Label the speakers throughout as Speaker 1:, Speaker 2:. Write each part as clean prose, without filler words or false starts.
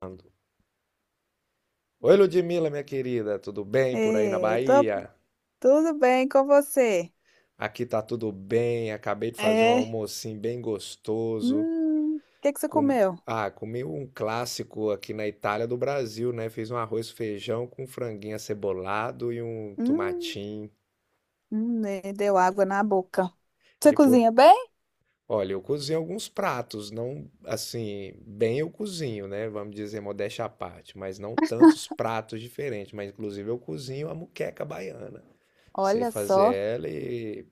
Speaker 1: Ando. Oi, Ludmila, minha querida, tudo bem por aí na
Speaker 2: Ei, tô,
Speaker 1: Bahia?
Speaker 2: tudo bem com você?
Speaker 1: Aqui tá tudo bem, acabei de fazer um
Speaker 2: É.
Speaker 1: almocinho bem gostoso.
Speaker 2: O que que você
Speaker 1: Com...
Speaker 2: comeu?
Speaker 1: Ah, comi um clássico aqui na Itália do Brasil, né? Fiz um arroz feijão com franguinho acebolado e um
Speaker 2: Hum,
Speaker 1: tomatinho.
Speaker 2: deu água na boca. Você
Speaker 1: E por...
Speaker 2: cozinha bem?
Speaker 1: Olha, eu cozinho alguns pratos, não assim, bem eu cozinho, né? Vamos dizer, modéstia à parte, mas não tantos pratos diferentes. Mas inclusive eu cozinho a muqueca baiana. Sei
Speaker 2: Olha
Speaker 1: fazer
Speaker 2: só,
Speaker 1: ela. E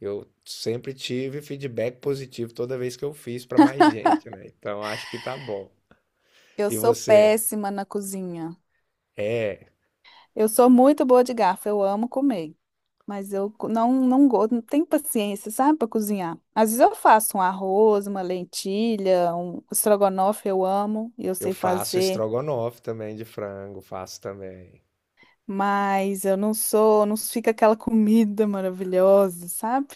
Speaker 1: eu sempre tive feedback positivo toda vez que eu fiz para mais gente, né? Então acho que tá bom.
Speaker 2: eu
Speaker 1: E
Speaker 2: sou
Speaker 1: você?
Speaker 2: péssima na cozinha.
Speaker 1: É,
Speaker 2: Eu sou muito boa de garfo, eu amo comer, mas não gosto, não tenho paciência, sabe, para cozinhar. Às vezes eu faço um arroz, uma lentilha, um estrogonofe, eu amo, eu
Speaker 1: eu
Speaker 2: sei
Speaker 1: faço
Speaker 2: fazer,
Speaker 1: estrogonofe também de frango, faço também.
Speaker 2: mas eu não sou, não fica aquela comida maravilhosa, sabe?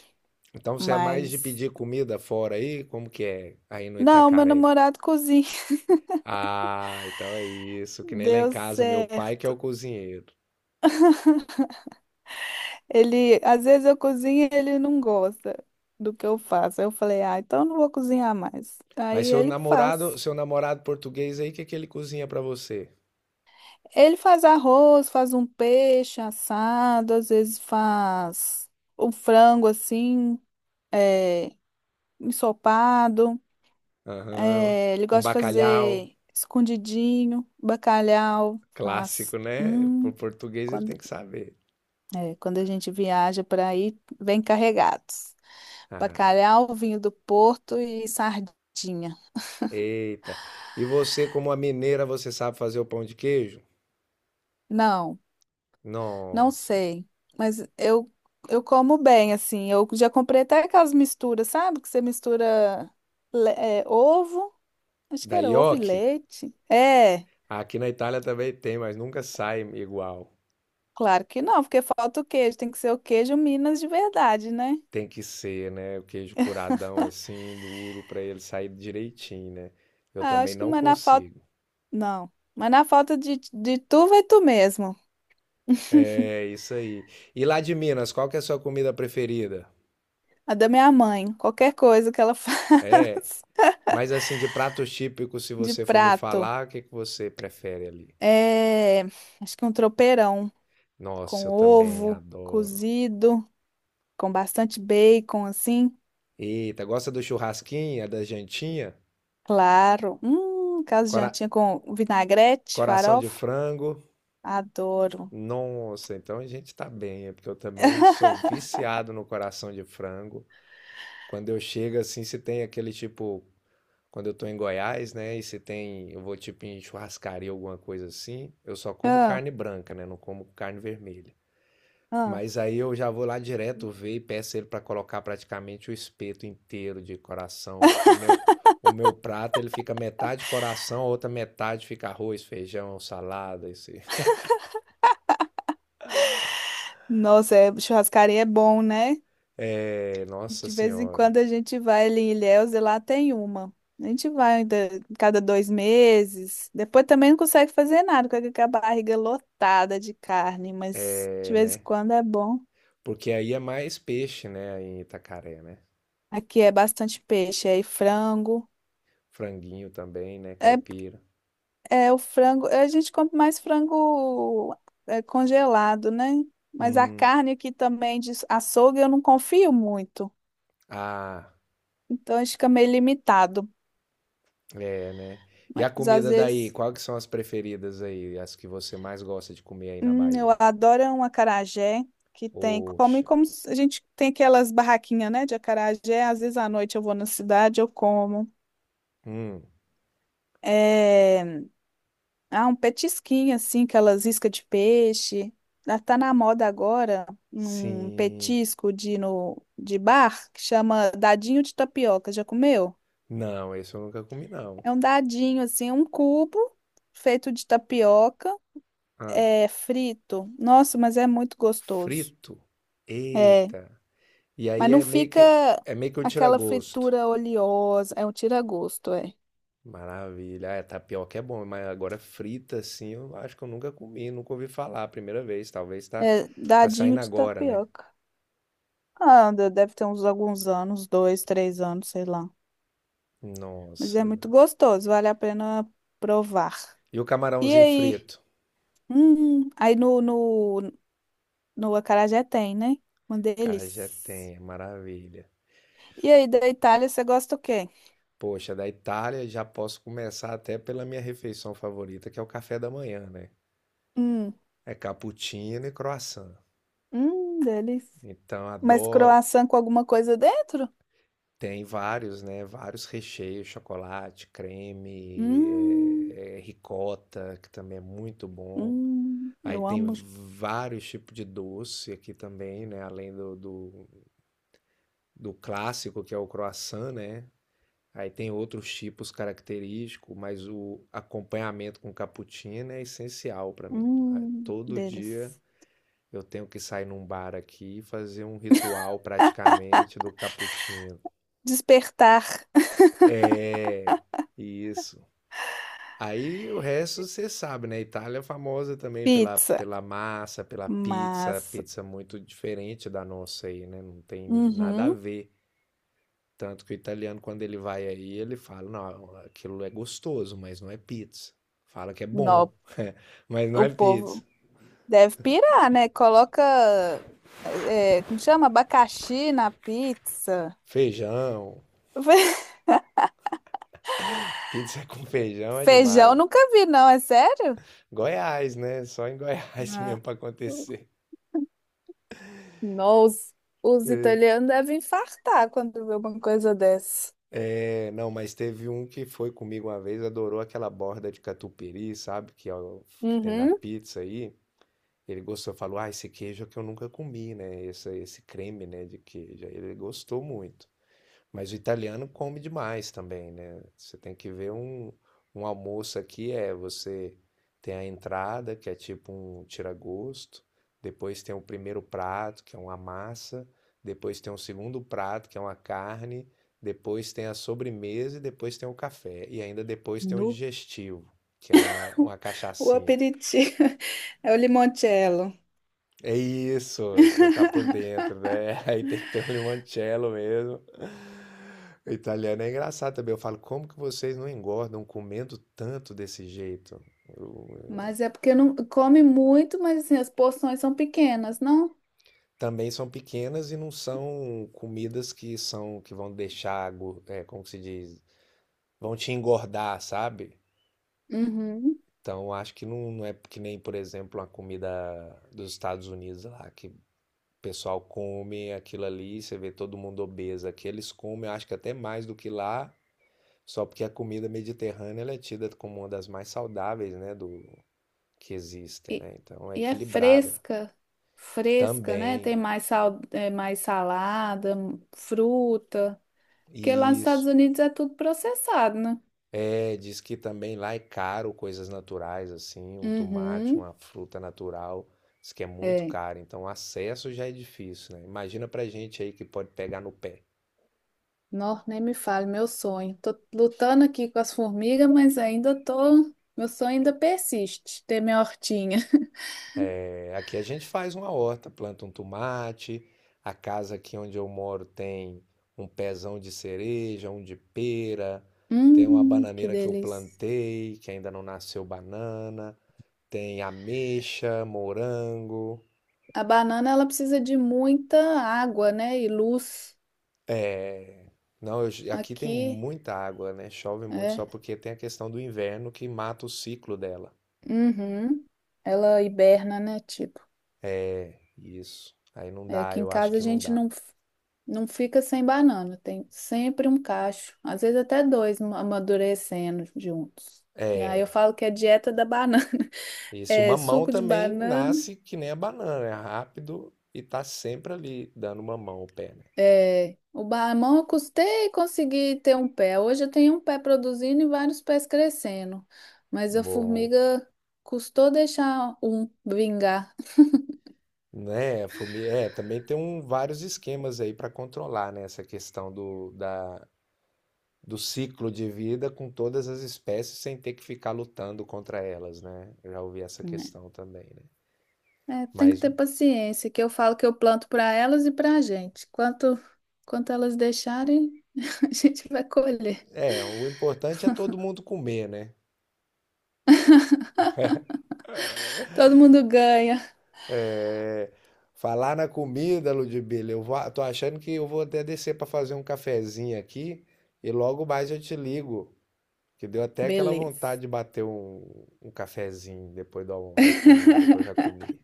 Speaker 1: Então você é mais de
Speaker 2: Mas
Speaker 1: pedir comida fora aí? Como que é aí no
Speaker 2: não, meu
Speaker 1: Itacaré?
Speaker 2: namorado cozinha.
Speaker 1: Ah, então é isso, que nem lá em
Speaker 2: Deu
Speaker 1: casa, meu pai que é
Speaker 2: certo.
Speaker 1: o cozinheiro.
Speaker 2: Ele, às vezes eu cozinho e ele não gosta do que eu faço. Aí eu falei, ah, então eu não vou cozinhar mais. Aí
Speaker 1: Mas
Speaker 2: ele que faz.
Speaker 1: seu namorado português aí, o que que ele cozinha pra você?
Speaker 2: Ele faz arroz, faz um peixe assado, às vezes faz um frango assim, é, ensopado.
Speaker 1: Aham,
Speaker 2: É, ele
Speaker 1: um
Speaker 2: gosta de
Speaker 1: bacalhau,
Speaker 2: fazer escondidinho, bacalhau, faz.
Speaker 1: clássico, né? Pro português ele tem
Speaker 2: Quando
Speaker 1: que saber.
Speaker 2: É, quando a gente viaja para aí, vem carregados.
Speaker 1: Ah,
Speaker 2: Bacalhau, vinho do Porto e sardinha.
Speaker 1: eita. E você, como a mineira, você sabe fazer o pão de queijo?
Speaker 2: Não, não
Speaker 1: Nossa.
Speaker 2: sei. Mas eu como bem, assim. Eu já comprei até aquelas misturas, sabe? Que você mistura é, ovo. Acho que
Speaker 1: Da
Speaker 2: era ovo e
Speaker 1: nhoque?
Speaker 2: leite. É,
Speaker 1: Aqui na Itália também tem, mas nunca sai igual.
Speaker 2: claro que não, porque falta o queijo. Tem que ser o queijo Minas de verdade, né?
Speaker 1: Tem que ser, né? O queijo curadão assim, duro, para ele sair direitinho, né? Eu
Speaker 2: Ah,
Speaker 1: também
Speaker 2: acho que
Speaker 1: não
Speaker 2: mas na falta.
Speaker 1: consigo.
Speaker 2: Não. Mas na falta de tu, vai tu mesmo.
Speaker 1: É, isso aí. E lá de Minas, qual que é a sua comida preferida?
Speaker 2: A da minha mãe, qualquer coisa que ela
Speaker 1: É,
Speaker 2: faz
Speaker 1: mas assim, de pratos típicos, se
Speaker 2: de
Speaker 1: você for me
Speaker 2: prato.
Speaker 1: falar, o que que você prefere ali?
Speaker 2: É, acho que um tropeirão
Speaker 1: Nossa,
Speaker 2: com
Speaker 1: eu também
Speaker 2: ovo
Speaker 1: adoro.
Speaker 2: cozido, com bastante bacon, assim.
Speaker 1: Eita, gosta do churrasquinho, é da jantinha?
Speaker 2: Claro. Caso de
Speaker 1: Cora-
Speaker 2: jantinha com vinagrete,
Speaker 1: Coração de
Speaker 2: farofa.
Speaker 1: frango?
Speaker 2: Adoro.
Speaker 1: Nossa, então a gente tá bem, é porque eu também sou viciado no coração de frango. Quando eu chego assim, se tem aquele tipo, quando eu tô em Goiás, né, e se tem, eu vou tipo em churrascaria, alguma coisa assim, eu só como
Speaker 2: Ah,
Speaker 1: carne branca, né, não como carne vermelha. Mas
Speaker 2: ah.
Speaker 1: aí eu já vou lá direto ver e peço ele para colocar praticamente o espeto inteiro de coração. Meu, o meu prato ele fica metade coração, a outra metade fica arroz, feijão, salada. Esse.
Speaker 2: Nossa, churrascaria é bom, né?
Speaker 1: É, nossa
Speaker 2: De vez em
Speaker 1: senhora.
Speaker 2: quando a gente vai ali em Ilhéus e lá tem uma. A gente vai ainda cada dois meses. Depois também não consegue fazer nada, com aquela barriga lotada de carne, mas de
Speaker 1: É,
Speaker 2: vez em
Speaker 1: né?
Speaker 2: quando é bom.
Speaker 1: Porque aí é mais peixe, né? Aí em Itacaré, né?
Speaker 2: Aqui é bastante peixe, aí frango.
Speaker 1: Franguinho também, né?
Speaker 2: É,
Speaker 1: Caipira.
Speaker 2: é o frango, a gente compra mais frango é, congelado, né? Mas a
Speaker 1: Hum.
Speaker 2: carne aqui também de açougue eu não confio muito.
Speaker 1: Ah,
Speaker 2: Então a gente fica meio limitado.
Speaker 1: é, né? E a
Speaker 2: Mas às
Speaker 1: comida daí?
Speaker 2: vezes.
Speaker 1: Qual que são as preferidas aí? As que você mais gosta de comer aí na
Speaker 2: Eu
Speaker 1: Bahia?
Speaker 2: adoro um acarajé que tem come
Speaker 1: Poxa.
Speaker 2: como se- a gente tem aquelas barraquinhas, né, de acarajé. Às vezes à noite eu vou na cidade, eu como.
Speaker 1: Hum.
Speaker 2: É, ah, um petisquinho assim, aquelas iscas de peixe. Ah, tá na moda agora um
Speaker 1: Sim.
Speaker 2: petisco de no de bar que chama dadinho de tapioca. Já comeu?
Speaker 1: Não, esse eu nunca comi, não.
Speaker 2: É um dadinho assim, um cubo feito de tapioca,
Speaker 1: Ah,
Speaker 2: é frito. Nossa, mas é muito gostoso.
Speaker 1: frito.
Speaker 2: É,
Speaker 1: Eita. E
Speaker 2: mas
Speaker 1: aí
Speaker 2: não fica
Speaker 1: é meio que um
Speaker 2: aquela
Speaker 1: tira-gosto.
Speaker 2: fritura oleosa. É um tira-gosto, é.
Speaker 1: Maravilha. Ah, tapioca é bom, mas agora frita assim, eu acho que eu nunca comi, nunca ouvi falar, a primeira vez, talvez tá
Speaker 2: É
Speaker 1: tá
Speaker 2: dadinho
Speaker 1: saindo
Speaker 2: de
Speaker 1: agora, né?
Speaker 2: tapioca. Ah, deve ter uns alguns anos, dois, três anos, sei lá. Mas é
Speaker 1: Nossa.
Speaker 2: muito gostoso, vale a pena provar.
Speaker 1: E o
Speaker 2: E
Speaker 1: camarãozinho
Speaker 2: aí?
Speaker 1: frito?
Speaker 2: Aí no acarajé tem, né? Um
Speaker 1: Cara, já
Speaker 2: deles.
Speaker 1: tem, é maravilha.
Speaker 2: E aí, da Itália, você gosta o quê?
Speaker 1: Poxa, da Itália já posso começar até pela minha refeição favorita, que é o café da manhã, né?
Speaker 2: Hum,
Speaker 1: É cappuccino e croissant.
Speaker 2: delícia.
Speaker 1: Então,
Speaker 2: Mas
Speaker 1: adoro.
Speaker 2: croissant com alguma coisa dentro?
Speaker 1: Tem vários, né? Vários recheios, chocolate, creme,
Speaker 2: Hum,
Speaker 1: ricota, que também é muito bom. Aí
Speaker 2: eu
Speaker 1: tem
Speaker 2: amo.
Speaker 1: vários tipos de doce aqui também, né? Além do clássico, que é o croissant, né? Aí tem outros tipos característicos, mas o acompanhamento com cappuccino é essencial para mim. Ah, todo dia
Speaker 2: Deles.
Speaker 1: eu tenho que sair num bar aqui e fazer um ritual praticamente do cappuccino.
Speaker 2: Despertar.
Speaker 1: É, isso. Aí o resto você sabe, né? Itália é famosa também pela,
Speaker 2: Pizza.
Speaker 1: pela massa, pela pizza,
Speaker 2: Massa.
Speaker 1: pizza muito diferente da nossa aí, né? Não tem nada a
Speaker 2: Uhum.
Speaker 1: ver. Tanto que o italiano, quando ele vai aí, ele fala: não, aquilo é gostoso, mas não é pizza. Fala que é bom,
Speaker 2: Não,
Speaker 1: mas não
Speaker 2: o
Speaker 1: é pizza.
Speaker 2: povo deve pirar, né? Coloca, como chama? Abacaxi na pizza.
Speaker 1: Feijão, pizza com feijão é demais.
Speaker 2: Feijão nunca vi, não, é sério?
Speaker 1: Goiás, né? Só em Goiás
Speaker 2: Ah.
Speaker 1: mesmo para acontecer.
Speaker 2: Não, os italianos devem infartar quando vê uma coisa dessa.
Speaker 1: É, não, mas teve um que foi comigo uma vez, adorou aquela borda de catupiry, sabe? Que, que tem na
Speaker 2: Uhum.
Speaker 1: pizza aí. Ele gostou, falou: Ah, esse queijo é que eu nunca comi, né? Esse creme, né, de queijo. Aí ele gostou muito. Mas o italiano come demais também, né? Você tem que ver um, um almoço aqui é você tem a entrada, que é tipo um tiragosto, depois tem o primeiro prato, que é uma massa, depois tem o segundo prato, que é uma carne, depois tem a sobremesa e depois tem o café. E ainda depois tem o
Speaker 2: Nu.
Speaker 1: digestivo, que é uma
Speaker 2: O
Speaker 1: cachaçinha.
Speaker 2: aperitivo é o limoncello.
Speaker 1: É isso, você tá por dentro, né? Aí tem que ter um limoncello mesmo. O italiano é engraçado também. Eu falo, como que vocês não engordam comendo tanto desse jeito? Eu- eu-
Speaker 2: Mas é porque não come muito, mas assim, as porções são pequenas, não?
Speaker 1: Também são pequenas e não são comidas que são que vão deixar, como que se diz, vão te engordar, sabe?
Speaker 2: Uhum.
Speaker 1: Então acho que não, não é que nem, por exemplo, a comida dos Estados Unidos lá, que o pessoal come aquilo ali, você vê todo mundo obeso. Aqui eles comem, acho que até mais do que lá, só porque a comida mediterrânea ela é tida como uma das mais saudáveis, né, do que existem,
Speaker 2: E,
Speaker 1: né? Então é
Speaker 2: e é
Speaker 1: equilibrada.
Speaker 2: fresca, fresca, né?
Speaker 1: Também
Speaker 2: Tem mais sal, é, mais salada, fruta. Porque lá nos Estados
Speaker 1: isso.
Speaker 2: Unidos é tudo processado, né?
Speaker 1: É, diz que também lá é caro coisas naturais assim, um tomate,
Speaker 2: Uhum.
Speaker 1: uma fruta natural, diz que é muito
Speaker 2: É.
Speaker 1: caro. Então o acesso já é difícil, né? Imagina pra gente aí que pode pegar no pé.
Speaker 2: Não, nem me fale, meu sonho. Tô lutando aqui com as formigas, mas ainda tô. Meu sonho ainda persiste, ter minha hortinha.
Speaker 1: É, aqui a gente faz uma horta, planta um tomate. A casa aqui onde eu moro tem um pezão de cereja, um de pera, tem uma
Speaker 2: Que
Speaker 1: bananeira que eu
Speaker 2: delícia.
Speaker 1: plantei, que ainda não nasceu banana, tem ameixa, morango.
Speaker 2: A banana ela precisa de muita água, né? E luz
Speaker 1: É, não, eu aqui tem
Speaker 2: aqui,
Speaker 1: muita água, né? Chove muito só
Speaker 2: é.
Speaker 1: porque tem a questão do inverno que mata o ciclo dela.
Speaker 2: Uhum. Ela hiberna, né? Tipo,
Speaker 1: Isso. Aí não
Speaker 2: é,
Speaker 1: dá,
Speaker 2: aqui em
Speaker 1: eu acho
Speaker 2: casa a
Speaker 1: que não
Speaker 2: gente
Speaker 1: dá.
Speaker 2: não, não fica sem banana, tem sempre um cacho, às vezes até dois amadurecendo juntos. E aí
Speaker 1: É,
Speaker 2: eu falo que é dieta da banana,
Speaker 1: esse o
Speaker 2: é
Speaker 1: mamão
Speaker 2: suco de
Speaker 1: também
Speaker 2: banana.
Speaker 1: nasce que nem a banana, é rápido e tá sempre ali dando mamão ao pé, né?
Speaker 2: É, o mamão eu custei conseguir ter um pé. Hoje eu tenho um pé produzindo e vários pés crescendo. Mas a
Speaker 1: Bom,
Speaker 2: formiga custou deixar um vingar.
Speaker 1: né, também tem um, vários esquemas aí para controlar, né, essa questão do ciclo de vida com todas as espécies sem ter que ficar lutando contra elas, né? Eu já ouvi essa
Speaker 2: Né?
Speaker 1: questão também, né?
Speaker 2: É, tem que
Speaker 1: Mas
Speaker 2: ter paciência, que eu falo que eu planto para elas e para a gente. Quanto elas deixarem, a gente vai colher.
Speaker 1: é, o importante é todo mundo comer, né?
Speaker 2: Todo mundo ganha.
Speaker 1: É, falar na comida, Ludmilla, eu vou, tô achando que eu vou até descer para fazer um cafezinho aqui e logo mais eu te ligo, que deu até aquela
Speaker 2: Beleza.
Speaker 1: vontade de bater um, um cafezinho depois do da comida que eu já comi.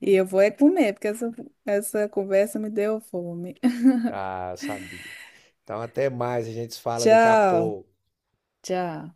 Speaker 2: E eu vou é comer, porque essa conversa me deu fome.
Speaker 1: Ah, sabia. Então até mais, a gente se fala daqui a
Speaker 2: Tchau.
Speaker 1: pouco.
Speaker 2: Tchau.